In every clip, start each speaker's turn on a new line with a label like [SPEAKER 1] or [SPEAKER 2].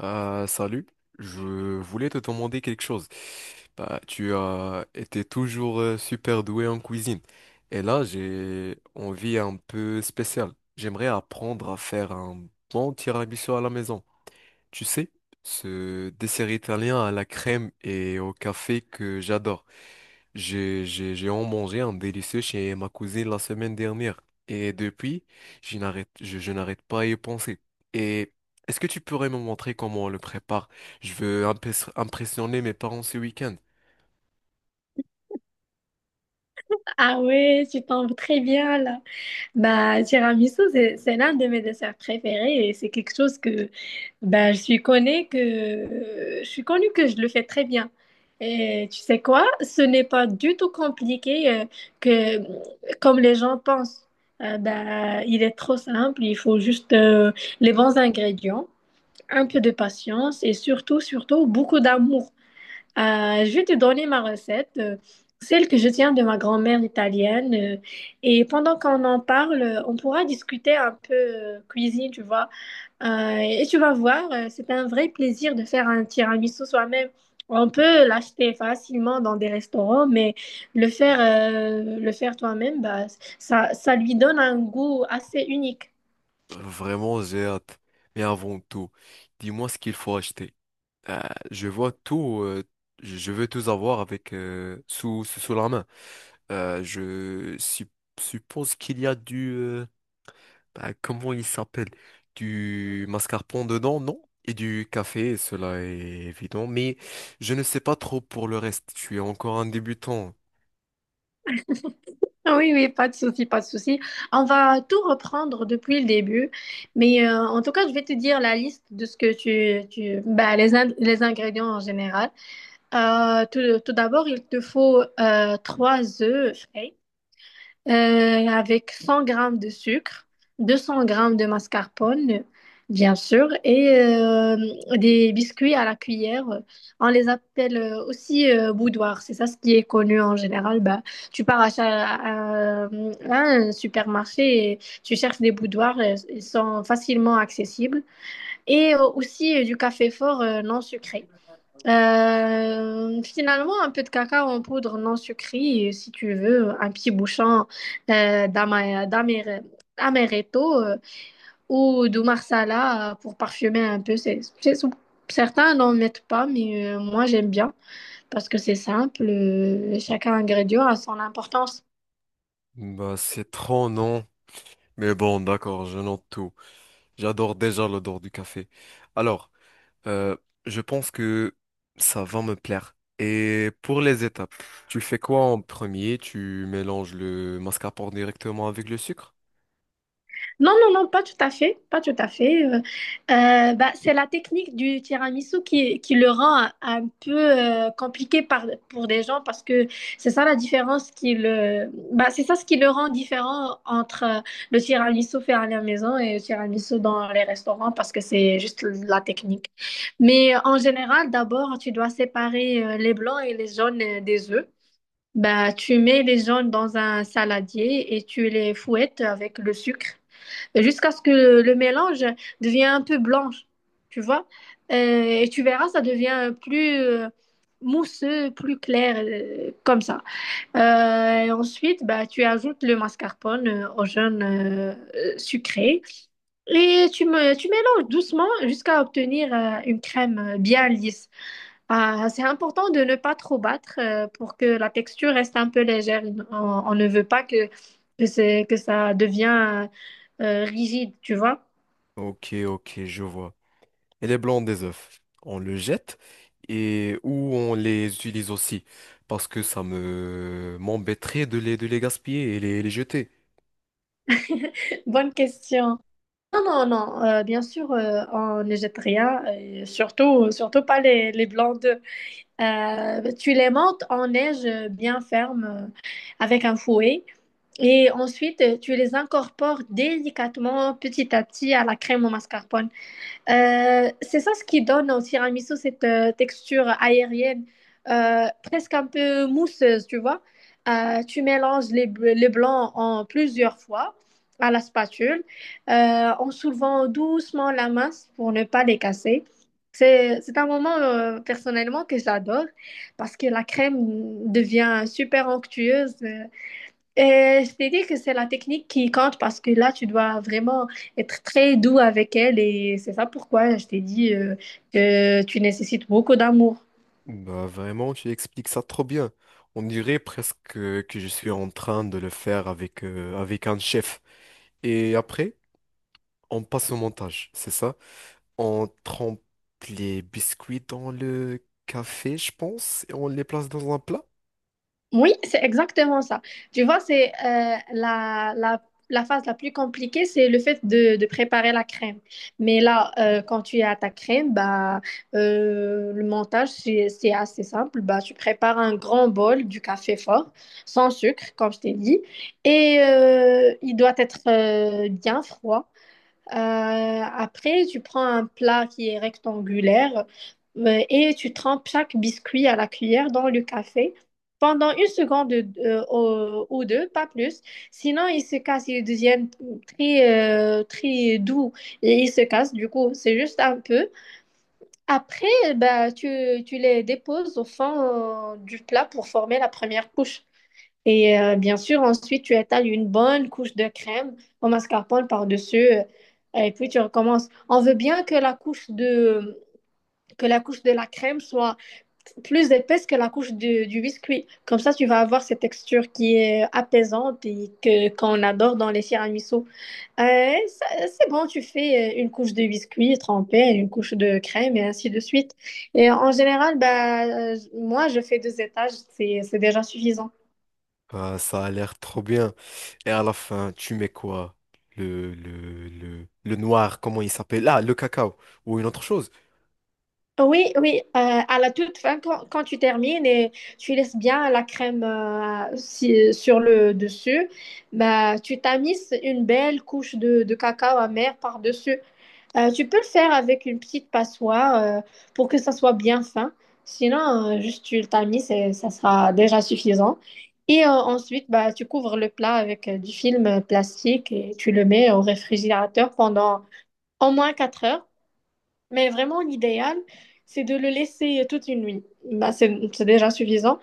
[SPEAKER 1] Salut, je voulais te demander quelque chose. Bah, tu as été toujours super doué en cuisine. Et là, j'ai envie un peu spéciale. J'aimerais apprendre à faire un bon tiramisu à la maison. Tu sais, ce dessert italien à la crème et au café que j'adore. J'ai en mangé un délicieux chez ma cousine la semaine dernière. Et depuis, je n'arrête pas à y penser. Et est-ce que tu pourrais me montrer comment on le prépare? Je veux impressionner mes parents ce week-end.
[SPEAKER 2] Ah ouais, tu tombes très bien là. Bah, tiramisu, c'est l'un de mes desserts préférés et c'est quelque chose que bah, je suis connue que je le fais très bien. Et tu sais quoi? Ce n'est pas du tout compliqué que comme les gens pensent. Bah, il est trop simple, il faut juste les bons ingrédients, un peu de patience et surtout, surtout beaucoup d'amour. Je vais te donner ma recette, celle que je tiens de ma grand-mère italienne. Et pendant qu'on en parle, on pourra discuter un peu cuisine, tu vois. Et tu vas voir, c'est un vrai plaisir de faire un tiramisu soi-même. On peut l'acheter facilement dans des restaurants, mais le faire toi-même, bah, ça lui donne un goût assez unique.
[SPEAKER 1] Vraiment, j'ai hâte. Mais avant tout, dis-moi ce qu'il faut acheter. Euh, je vois tout, je veux tout avoir avec, sous la main. Euh, je sup- Suppose qu'il y a du, bah, comment il s'appelle? Du mascarpone dedans, non? Et du café, cela est évident. Mais je ne sais pas trop pour le reste. Je suis encore un débutant.
[SPEAKER 2] Ah oui, oui, pas de souci, pas de souci. On va tout reprendre depuis le début. Mais en tout cas, je vais te dire la liste de ce que tu bah, les ingrédients en général. Tout d'abord, il te faut trois œufs frais. Avec 100 grammes de sucre, 200 grammes de mascarpone, bien sûr, et des biscuits à la cuillère. On les appelle aussi boudoir. C'est ça ce qui est connu en général. Bah, tu pars à un supermarché et tu cherches des boudoirs. Ils sont facilement accessibles. Et aussi du café fort non sucré. Finalement, un peu de cacao en poudre non sucrée, et si tu veux, un petit bouchon euh, d'ama- d'amer- d'amaretto ou de marsala pour parfumer un peu. Certains n'en mettent pas, mais moi j'aime bien parce que c'est simple. Chaque ingrédient a son importance.
[SPEAKER 1] Bah, c'est trop, non? Mais bon, d'accord, je note tout. J'adore déjà l'odeur du café. Alors, euh, je pense que ça va me plaire. Et pour les étapes, tu fais quoi en premier? Tu mélanges le mascarpone directement avec le sucre?
[SPEAKER 2] Non, non, non, pas tout à fait, pas tout à fait. Bah, c'est la technique du tiramisu qui le rend un peu compliqué pour des gens parce que c'est ça la différence bah, c'est ça ce qui le rend différent entre le tiramisu fait à la maison et le tiramisu dans les restaurants parce que c'est juste la technique. Mais en général, d'abord, tu dois séparer les blancs et les jaunes des œufs. Bah, tu mets les jaunes dans un saladier et tu les fouettes avec le sucre jusqu'à ce que le mélange devienne un peu blanche, tu vois. Euh, et tu verras, ça devient plus mousseux, plus clair, comme ça. Et ensuite, bah, tu ajoutes le mascarpone au jaune sucré et tu mélanges doucement jusqu'à obtenir une crème bien lisse. Ah, c'est important de ne pas trop battre pour que la texture reste un peu légère. On ne veut pas que ça devient rigide, tu vois.
[SPEAKER 1] Ok, ok, je vois. Et les blancs des œufs. On le jette et ou on les utilise aussi parce que ça me m'embêterait de les gaspiller et les jeter.
[SPEAKER 2] Bonne question. Non, non, non. Bien sûr, on ne jette rien. Et surtout, surtout pas les blancs d'œufs. Tu les montes en neige bien ferme avec un fouet. Et ensuite, tu les incorpores délicatement, petit à petit, à la crème au mascarpone. C'est ça ce qui donne au tiramisu cette texture aérienne, presque un peu mousseuse, tu vois. Tu mélanges les blancs en plusieurs fois à la spatule, en soulevant doucement la masse pour ne pas les casser. C'est un moment personnellement que j'adore parce que la crème devient super onctueuse. Je t'ai dit que c'est la technique qui compte parce que là, tu dois vraiment être très doux avec elle et c'est ça pourquoi je t'ai dit que tu nécessites beaucoup d'amour.
[SPEAKER 1] Bah vraiment, tu expliques ça trop bien. On dirait presque que je suis en train de le faire avec un chef. Et après, on passe au montage, c'est ça? On trempe les biscuits dans le café, je pense, et on les place dans un plat.
[SPEAKER 2] Oui, c'est exactement ça. Tu vois, c'est la phase la plus compliquée, c'est le fait de préparer la crème. Mais là, quand tu as ta crème, bah, le montage, c'est assez simple. Bah, tu prépares un grand bol du café fort, sans sucre, comme je t'ai dit. Et il doit être bien froid. Après, tu prends un plat qui est rectangulaire et tu trempes chaque biscuit à la cuillère dans le café pendant une seconde ou deux, pas plus. Sinon, ils se cassent, ils deviennent très, très doux et ils se cassent. Du coup, c'est juste un peu. Après, bah, tu les déposes au fond du plat pour former la première couche. Et bien sûr, ensuite, tu étales une bonne couche de crème au mascarpone par-dessus et puis tu recommences. On veut bien que la couche de la crème soit plus épaisse que la couche du biscuit. Comme ça, tu vas avoir cette texture qui est apaisante et que qu'on adore dans les tiramisu. C'est bon, tu fais une couche de biscuit trempé, une couche de crème et ainsi de suite. Et en général, bah, moi, je fais deux étages, c'est déjà suffisant.
[SPEAKER 1] Ah, ça a l'air trop bien. Et à la fin, tu mets quoi? Le noir, comment il s'appelle? Ah, le cacao. Ou une autre chose.
[SPEAKER 2] Oui, oui, à la toute fin, quand tu termines et tu laisses bien la crème sur le dessus, bah, tu tamises une belle couche de cacao amer par-dessus. Tu peux le faire avec une petite passoire pour que ça soit bien fin. Sinon, juste tu le tamises et ça sera déjà suffisant. Et ensuite, bah, tu couvres le plat avec du film plastique et tu le mets au réfrigérateur pendant au moins 4 heures. Mais vraiment, l'idéal, c'est de le laisser toute une nuit. Bah, c'est déjà suffisant.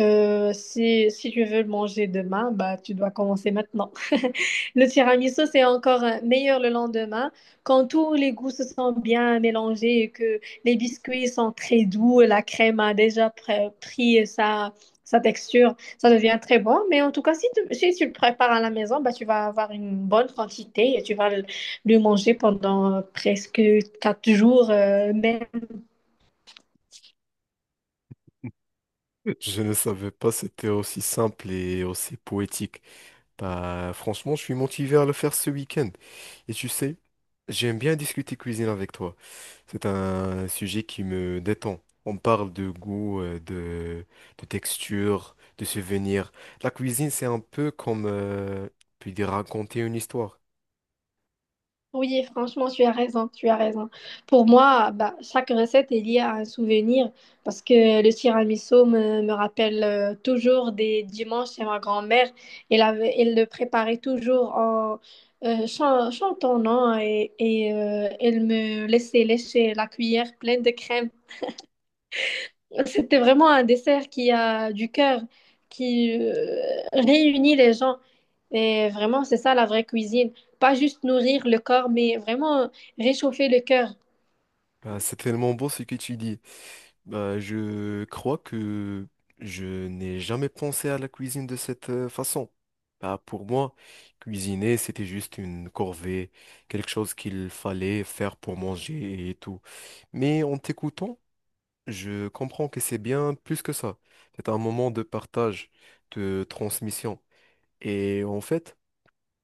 [SPEAKER 2] Si tu veux le manger demain, bah, tu dois commencer maintenant. Le tiramisu, c'est encore meilleur le lendemain quand tous les goûts se sont bien mélangés et que les biscuits sont très doux, la crème a déjà pris sa texture, ça devient très bon. Mais en tout cas, si tu le prépares à la maison, bah, tu vas avoir une bonne quantité et tu vas plus mangé pendant presque 4 jours. Même.
[SPEAKER 1] Je ne savais pas c'était aussi simple et aussi poétique. Bah, franchement, je suis motivé à le faire ce week-end. Et tu sais, j'aime bien discuter cuisine avec toi. C'est un sujet qui me détend. On parle de goût, de texture, de souvenirs. La cuisine, c'est un peu comme, on peut dire, raconter une histoire.
[SPEAKER 2] Oui, franchement, tu as raison, tu as raison. Pour moi, bah, chaque recette est liée à un souvenir parce que le tiramisu me rappelle toujours des dimanches chez ma grand-mère. Elle le préparait toujours en chantant, non? Elle me laissait lécher la cuillère pleine de crème. C'était vraiment un dessert qui a du cœur, qui réunit les gens. Et vraiment, c'est ça la vraie cuisine. Pas juste nourrir le corps, mais vraiment réchauffer le cœur.
[SPEAKER 1] Bah, c'est tellement beau ce que tu dis. Bah, je crois que je n'ai jamais pensé à la cuisine de cette façon. Bah, pour moi, cuisiner, c'était juste une corvée, quelque chose qu'il fallait faire pour manger et tout. Mais en t'écoutant, je comprends que c'est bien plus que ça. C'est un moment de partage, de transmission. Et en fait,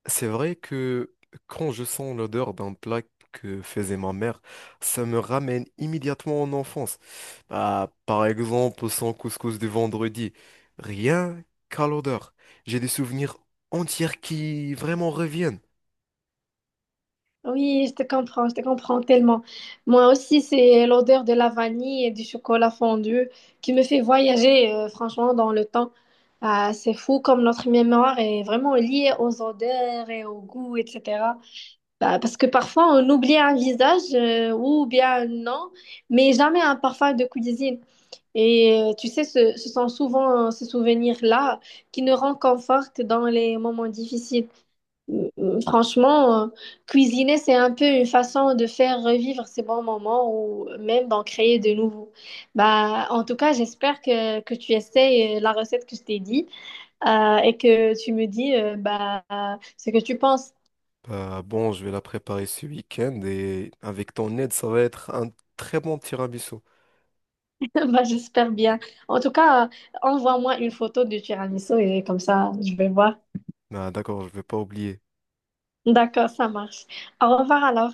[SPEAKER 1] c'est vrai que quand je sens l'odeur d'un plat que faisait ma mère, ça me ramène immédiatement en enfance. Bah, par exemple, son couscous de vendredi. Rien qu'à l'odeur. J'ai des souvenirs entiers qui vraiment reviennent.
[SPEAKER 2] Oui, je te comprends tellement. Moi aussi, c'est l'odeur de la vanille et du chocolat fondu qui me fait voyager, franchement, dans le temps. Ah, c'est fou comme notre mémoire est vraiment liée aux odeurs et aux goûts, etc. Bah, parce que parfois, on oublie un visage ou bien un nom, mais jamais un parfum de cuisine. Et tu sais, ce sont souvent ces souvenirs-là qui nous réconfortent dans les moments difficiles. Franchement, cuisiner, c'est un peu une façon de faire revivre ces bons moments ou même d'en créer de nouveaux. Bah, en tout cas, j'espère que tu essayes la recette que je t'ai dit et que tu me dis bah, ce que tu penses.
[SPEAKER 1] Bah, bon, je vais la préparer ce week-end et avec ton aide, ça va être un très bon tiramisu.
[SPEAKER 2] Bah, j'espère bien. En tout cas, envoie-moi une photo du tiramisu et comme ça, je vais voir.
[SPEAKER 1] Bah, d'accord, je vais pas oublier.
[SPEAKER 2] D'accord, ça marche. Au revoir alors.